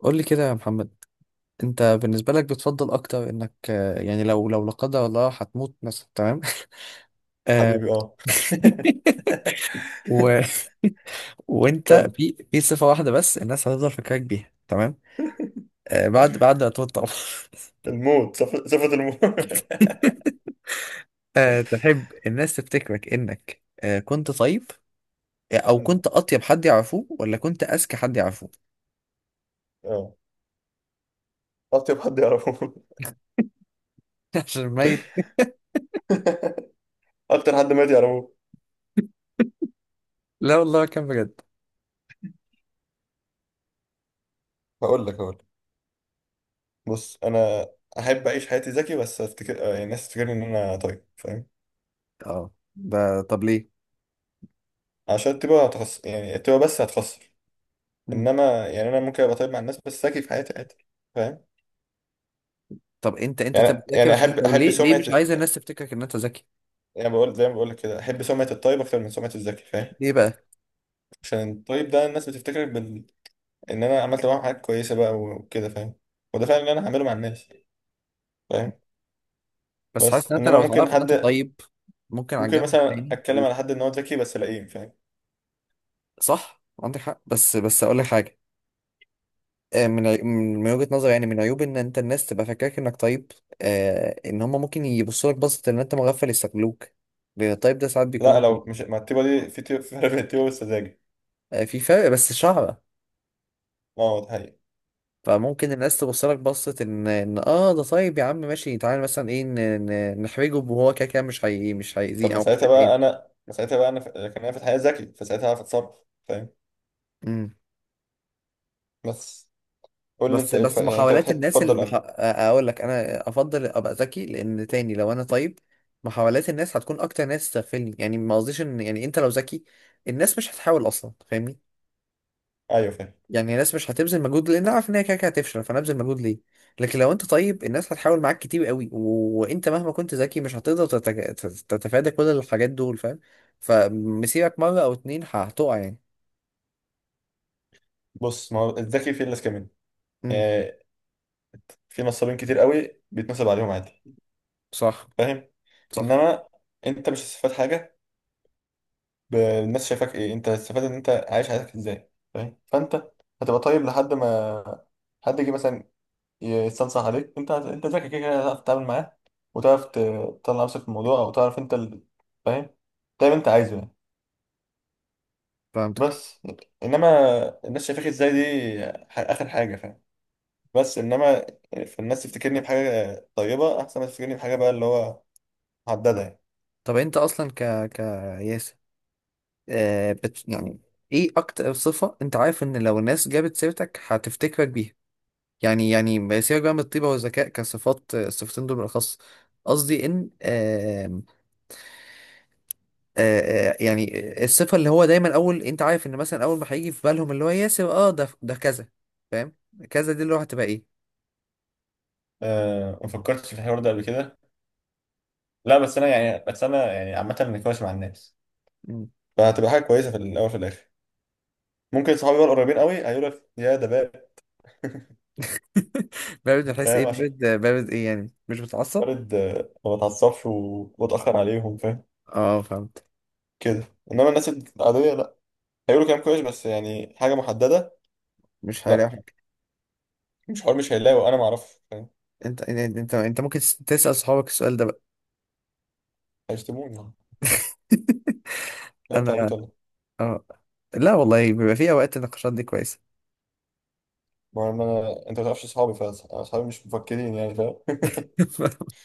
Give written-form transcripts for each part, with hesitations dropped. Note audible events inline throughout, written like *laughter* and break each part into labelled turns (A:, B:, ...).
A: قول لي كده يا محمد. انت بالنسبه لك بتفضل اكتر انك يعني لو لا قدر الله هتموت مثلا، تمام؟ آه،
B: حبيبي اه. *laughs*
A: *laughs* و... وانت
B: كم؟
A: في صفه واحده بس الناس هتفضل فاكراك بيها، تمام؟ بعد ما تموت طبعا.
B: الموت. صفة الموت.
A: *laughs*
B: *laughs*
A: تحب الناس تفتكرك انك كنت طيب، او كنت اطيب حد يعرفوه، ولا كنت اذكى حد يعرفوه؟
B: اه، اطيب حد يعرفه. *laughs*
A: *laughs* عشان ميت.
B: اكتر حد مات يعرفه.
A: لا والله كان بجد.
B: هقول لك. بص، انا احب اعيش حياتي ذكي، بس افتكر يعني الناس تفتكرني ان انا طيب، فاهم؟
A: اه، ده طب ليه؟
B: عشان تبقى هتخسر، يعني التبقى بس هتخسر.
A: مم.
B: انما يعني انا ممكن ابقى طيب مع الناس، بس ذكي في حياتي عادي، فاهم؟
A: طب انت تبقى
B: يعني
A: ذكي،
B: يعني
A: بس
B: احب
A: طب
B: احب
A: ليه
B: سمعه.
A: مش عايز الناس تفتكرك ان انت ذكي؟
B: يعني بقول زي ما بقول لك كده، احب سمعه الطيب اكتر من سمعه الذكي، فاهم؟
A: ليه بقى؟
B: عشان الطيب ده الناس بتفتكرك ان انا عملت معاهم حاجات كويسه بقى وكده، فاهم؟ وده فعلا اللي انا هعمله مع الناس، فاهم؟
A: بس حاسس
B: بس
A: ان انت
B: انما
A: لو تعرف
B: ممكن
A: ان انت
B: حد،
A: طيب، ممكن على
B: ممكن
A: الجنب
B: مثلا
A: التاني
B: اتكلم
A: تقول.
B: على حد ان هو ذكي بس لئيم، فاهم؟
A: صح، عندك حق، بس اقول لك حاجه. من وجهه نظري، يعني من عيوب ان انت الناس تبقى فاكراك انك طيب، ان هم ممكن يبصوا لك بصه ان انت مغفل يستغلوك، لان الطيب ده ساعات
B: لا،
A: بيكون.
B: لو مش ما التيبه دي، في تيبه، في فرق بين التيبه والسذاجه.
A: في فرق بس شعره.
B: اه ده حقيقي.
A: فممكن الناس تبص لك بصه ان اه ده طيب يا عم، ماشي، تعالى مثلا ايه، نحرجه، وهو كده كده مش هي مش
B: طب
A: هيأذيه
B: ما
A: او مش
B: ساعتها
A: هيضايقنا.
B: بقى انا، ما ساعتها بقى انا لكن انا في الحقيقه ذكي، فساعتها هعرف اتصرف، فاهم؟ بس قول لي
A: بس
B: انت ايه
A: بس
B: يعني انت
A: محاولات
B: بتحب
A: الناس اللي
B: تفضل انا.
A: اقول لك، انا افضل ابقى ذكي، لان تاني لو انا طيب محاولات الناس هتكون اكتر، ناس تغفلني. يعني ما قصديش ان، يعني انت لو ذكي الناس مش هتحاول اصلا، فاهمني؟
B: ايوه فاهم.
A: يعني الناس مش هتبذل مجهود لان عارف ان هي كده كده هتفشل، فنبذل مجهود ليه؟ لكن لو انت طيب الناس هتحاول معاك كتير قوي، وانت مهما كنت ذكي مش هتقدر تتفادى كل الحاجات دول، فاهم؟ فمسيرك مره او اتنين هتقع يعني.
B: بص، ما هو الذكي في الناس كمان،
A: امم.
B: يعني في نصابين كتير قوي بيتنصب عليهم عادي،
A: صح.
B: فاهم؟
A: صح.
B: انما انت مش هتستفاد حاجه. الناس شايفاك ايه، انت هتستفاد ان انت عايش حياتك ازاي، فاهم؟ فانت هتبقى طيب لحد ما حد يجي مثلا يستنصح عليك، انت ذكي كده كده هتعرف تتعامل معاه، وتعرف تطلع نفسك في الموضوع، او تعرف انت فاهم؟ تعمل انت عايزه يعني.
A: فهمتك.
B: بس انما الناس شايفاك ازاي دي اخر حاجه، فاهم؟ بس انما في الناس تفتكرني بحاجه طيبه احسن ما تفتكرني بحاجه بقى اللي هو محدده يعني.
A: طب انت اصلا، ك ك ياسر، آه بت يعني، ايه اكتر صفة انت عارف ان لو الناس جابت سيرتك هتفتكرك بيها؟ يعني ما سيبك بقى من الطيبة والذكاء كصفات، الصفتين دول بالاخص. قصدي ان آم، آه آه، يعني الصفة اللي هو دايما اول، انت عارف ان مثلا اول ما هيجي في بالهم اللي هو ياسر، اه ده كذا، فاهم؟ كذا دي اللي هو هتبقى ايه؟
B: أه، ما فكرتش في الحوار ده قبل كده. لا بس انا يعني، بس انا يعني عامه نقاش مع الناس،
A: مم.
B: فهتبقى حاجه كويسه في الاول في الاخر. ممكن صحابي بقى القريبين قوي هيقول لك يا ده باب. *laughs*
A: *laughs* بارد؟ من حيث ايه،
B: فاهم؟ عشان
A: بارد؟ ايه يعني، مش بتعصب؟
B: وارد ما بتعصبش واتاخر عليهم، فاهم؟
A: اه، فهمت.
B: كده. انما الناس العاديه لا، هيقولوا كلام كويس بس يعني حاجه محدده.
A: مش هيلاقي
B: لا،
A: حاجة.
B: مش حوار، مش هيلاقوا، انا ما اعرفش، فاهم؟
A: انت انت انت أنت ممكن تسأل صحابك السؤال ده بقى؟
B: هيشتموني يعني.
A: *laughs*
B: لا انت
A: انا.
B: عبيط ولا إيه؟
A: اه. لا والله بيبقى في اوقات النقاشات دي كويسه.
B: ما انا انت ما تعرفش اصحابي، فاصحابي مش مفكرين يعني، فاهم؟ *laughs*
A: *laughs*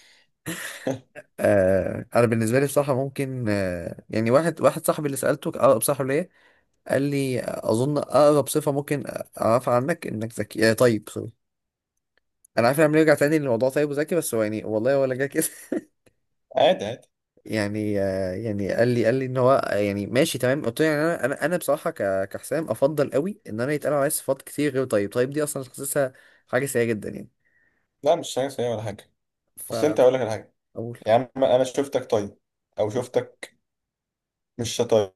A: آه، انا بالنسبه لي بصراحه ممكن واحد صاحبي، اللي سالته اقرب صاحب ليا، قال لي اظن اقرب صفه ممكن اعرفها عنك انك ذكي. آه، طيب، سوري. انا عارف انه بيرجع تاني لموضوع طيب وذكي، بس هو يعني والله ولا جه كده. *laughs*
B: عادي عادي.
A: يعني قال لي ان هو يعني ماشي تمام، قلت له يعني انا بصراحه كحسام افضل قوي ان انا يتقال عليا صفات كتير غير طيب، طيب دي اصلا حاسسها حاجه سيئه جدا يعني.
B: لا مش حاجه سيئه ولا حاجه.
A: ف
B: بس انت هقول لك على حاجه. يا عم انا شفتك طيب، او
A: اقول
B: شفتك مش طيب،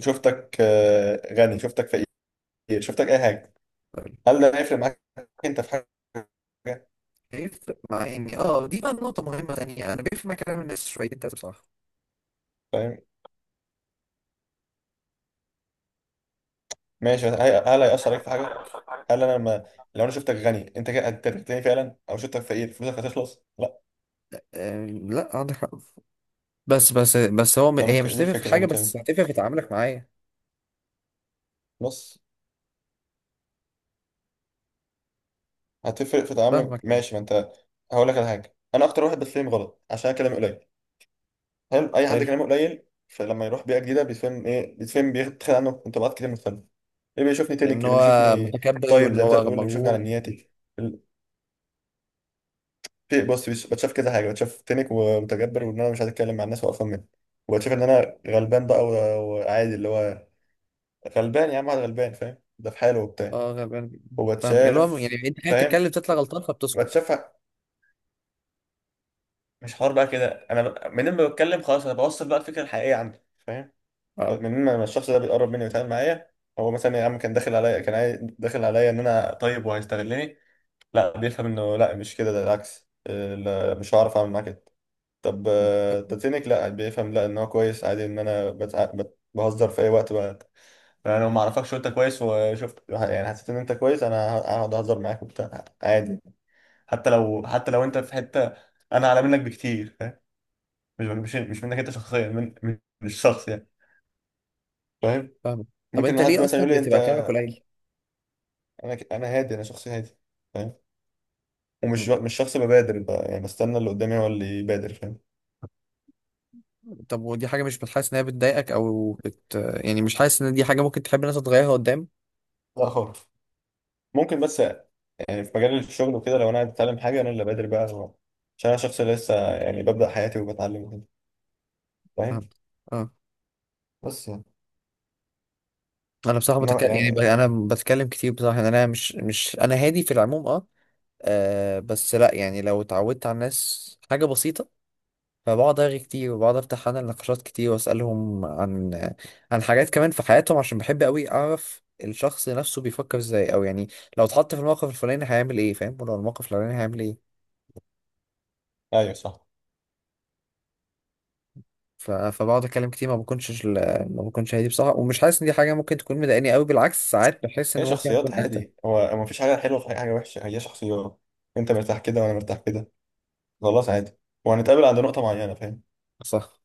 B: شفتك غني، شفتك فقير، شفتك اي حاجه، هل ده هيفرق معاك؟ انت في حاجه،
A: بيفرق مع اني، اه، دي بقى نقطة مهمة تانية، انا بيفرق مع كلام الناس شوية ده بصراحة.
B: فاهم؟ ماشي بس هل هيأثر عليك في حاجه؟ هل انا لما، لو انا شفتك غني انت كده هتغني فعلا، او شفتك فقير فلوسك هتخلص؟ لا.
A: لا عندك حق. بس هو هي مش
B: دي
A: هتفرق في
B: الفكره اللي
A: حاجة،
B: بتكلم
A: بس
B: فيها.
A: هتفرق في تعاملك معايا.
B: بص، هتفرق في تعاملك
A: فاهمك.
B: ماشي، ما انت، هقول لك على حاجه، انا اكتر واحد بتفهم غلط عشان أنا كلامي قليل. حلو، اي حد
A: حلو.
B: كلامه قليل فلما يروح بيئه جديده بيتفهم ايه، بيتفهم بيتخيل عنه انطباعات كتير مختلفه. اللي بيشوفني
A: ان
B: تنك، اللي
A: هو
B: بيشوفني
A: متكبر
B: طيب
A: وان
B: زي ما انت
A: هو
B: بتقول، اللي بيشوفني
A: مغرور.
B: على نياتي. في بص بتشاف كذا حاجه، بتشاف تنك ومتجبر وان انا مش عايز اتكلم مع الناس وقرفان منهم، وبتشاف ان انا غلبان بقى وعادي اللي هو غلبان. يا عم واحد غلبان، فاهم؟ ده في حاله وبتاع.
A: اه، غلبان جداً. فاهمك، اللي هو
B: وبتشاف،
A: يعني انت قاعد
B: فاهم؟
A: بتتكلم تطلع غلطان فبتسكت.
B: بتشاف مش حوار بقى كده. منين ما بتكلم خلاص انا بوصل بقى الفكره الحقيقيه عندي، فاهم؟
A: اه.
B: منين ما الشخص ده بيقرب مني ويتعامل معايا، هو مثلا يا عم كان داخل عليا، داخل عليا ان انا طيب وهيستغلني، لا بيفهم انه لا مش كده ده العكس. لا، مش هعرف اعمل معاه كده. طب
A: م. طب،
B: تاتينك، لا بيفهم لا ان هو كويس عادي، ان انا بهزر في اي وقت بقى. انا لو ما اعرفكش وانت كويس، وشفت يعني حسيت ان انت كويس، انا هقعد اهزر معاك وبتاع عادي. حتى لو حتى لو انت في حته انا اعلى منك بكتير، فاهم؟ مش مش منك انت شخصيا، من الشخص يعني، فاهم؟
A: فاهمك. طب
B: ممكن
A: انت
B: حد
A: ليه
B: مثلا
A: اصلا
B: يقول لي انت،
A: بتبقى كلامك قليل؟
B: انا هادي، انا شخص هادي، فاهم؟ ومش،
A: م.
B: مش شخص ببادر بقى، يعني بستنى اللي قدامي هو اللي يبادر، فاهم؟
A: طب ودي حاجة مش بتحس انها بتضايقك او يعني مش حاسس ان دي حاجة ممكن تحب الناس تغيرها قدام؟
B: لا خالص. ممكن بس يعني في مجال الشغل وكده لو انا عايز اتعلم حاجه انا اللي بادر بقى هو، عشان انا شخص لسه يعني ببدا حياتي وبتعلم وكده، فاهم؟
A: فهمت.
B: بس يعني،
A: انا بصراحه
B: إنما
A: بتكلم يعني،
B: يعني،
A: انا بتكلم كتير بصراحه، يعني انا مش مش انا هادي في العموم، اه. بس لا يعني لو اتعودت على الناس حاجه بسيطه، فبقعد ارغي كتير، وبقعد افتح انا نقاشات كتير واسالهم عن حاجات كمان في حياتهم، عشان بحب قوي اعرف الشخص نفسه بيفكر ازاي، او يعني لو اتحط في الموقف الفلاني هيعمل ايه فاهم، ولو الموقف الفلاني هيعمل ايه.
B: ايوه صح.
A: فبقعد اتكلم كتير، ما بكونش هادي بصراحه، ومش حاسس ان دي حاجه ممكن تكون مضايقاني قوي، بالعكس ساعات بحس ان
B: هي
A: ممكن اكون
B: شخصيات
A: اهدى.
B: عادي، هو هو مفيش حاجه حلوه في أي حاجه وحشه، هي شخصيات. انت مرتاح كده وانا مرتاح كده، خلاص عادي، وهنتقابل عند نقطه معينه، فاهم؟
A: صح.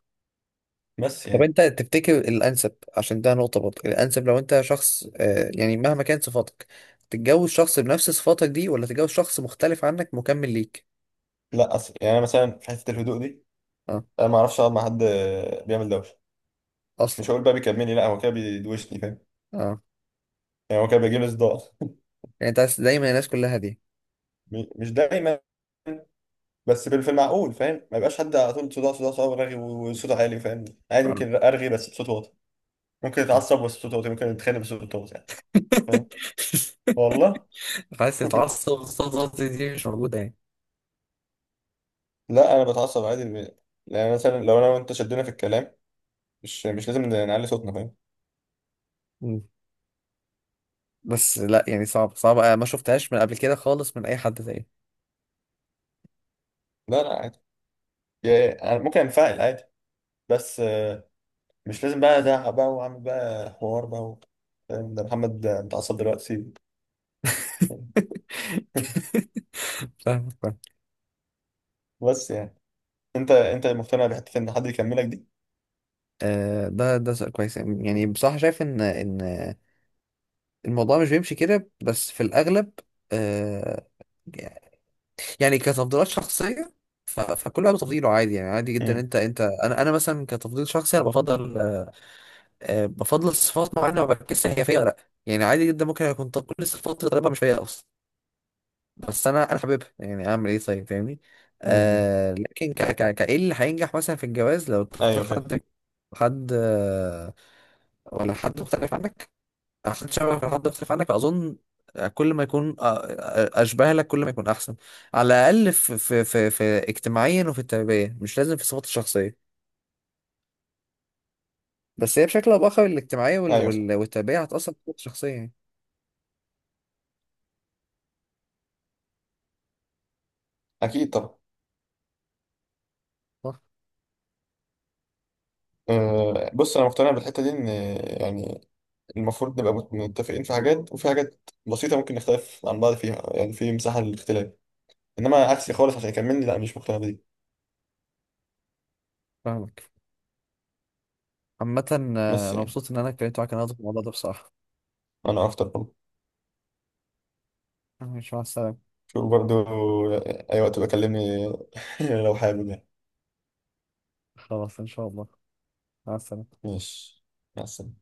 B: بس
A: طب
B: يعني،
A: انت تفتكر الانسب، عشان ده نقطه برضه، الانسب لو انت شخص يعني مهما كانت صفاتك، تتجوز شخص بنفس صفاتك دي ولا تتجوز شخص مختلف عنك مكمل ليك؟
B: لا أصل يعني انا مثلا في حته الهدوء دي
A: اه.
B: انا ما اعرفش اقعد مع حد بيعمل دوشه.
A: اصلا.
B: مش هقول بقى بيكلمني، لا، هو كده بيدوشني، فاهم؟
A: اه.
B: يعني هو كده بيجيب لي صداع.
A: يعني انت دايما الناس كلها دي؟
B: *laughs* مش دايما، بس في المعقول، فاهم؟ ما يبقاش حد على طول صداع صداع صداع رغي وصوته عالي، فاهم؟ عادي
A: اه.
B: ممكن ارغي بس بصوت واطي، ممكن اتعصب بس بصوت واطي، ممكن اتخانق بس بصوت واطي يعني، فاهم؟
A: *laughs*
B: والله.
A: عايز
B: *laughs*
A: تتعصب، الصفات دي مش موجوده يعني؟
B: لا انا بتعصب عادي يعني مثلا لو انا وانت شدينا في الكلام، مش لازم نعلي صوتنا، فاهم؟
A: مم. بس لا يعني، صعب صعب ما شفتهاش من قبل كده خالص من اي حد تاني.
B: لا لا عادي، يعني أنا ممكن انفعل عادي، بس مش لازم بقى ازعق بقى واعمل بقى حوار بقى. فاهم؟ ده محمد متعصب دلوقتي.
A: *laughs*
B: *laughs*
A: فاهمك، فاهم.
B: بس يعني، انت مقتنع بحته ان حد يكملك دي؟
A: آه، ده سؤال كويس، يعني بصراحة شايف ان الموضوع مش بيمشي كده بس في الأغلب. آه، يعني كتفضيلات شخصية. فكل واحد بتفضيله عادي، يعني عادي جدا،
B: امم،
A: انت انا مثلا، كتفضيل شخصي انا بفضل بفضل الصفات معينة، ما بركزش هي فيا ولا لا. يعني عادي جدا ممكن اكون، طب كل الصفات اللي طالبها مش فيا اصلا، بس انا حاببها، يعني اعمل ايه طيب، فاهمني؟
B: امم،
A: آه، لكن ك ك ك ايه اللي هينجح مثلا في الجواز؟ لو تختار
B: ايوه فاهم.
A: حد، حد آه، ولا حد مختلف عنك؟ عشان شبهك لحد يختلف عنك، فاظن كل ما يكون اشبه لك كل ما يكون احسن. على الاقل في اجتماعيا وفي التربيه، مش لازم في صفات الشخصيه. بس هي بشكل او باخر الاجتماعيه
B: ايوه صح،
A: والتربيه هتاثر في صفات الشخصيه يعني.
B: اكيد طبعا.
A: صح.
B: أه بص، انا مقتنع بالحته دي ان يعني المفروض نبقى متفقين في حاجات، وفي حاجات بسيطه ممكن نختلف عن بعض فيها، يعني في مساحه للاختلاف. انما عكسي خالص عشان يكملني، لا مش مقتنع بدي.
A: فاهمك. عامه،
B: بس
A: انا
B: يعني
A: مبسوط ان انا اتكلمت معاك النهارده في الموضوع ده بصراحه.
B: انا اكتر برضه،
A: مش مع السلامه.
B: شوف برضه، اي وقت بكلمني. *laughs* لو حابب يعني.
A: خلاص، ان شاء الله. مع السلامه.
B: ماشي، مع السلامه.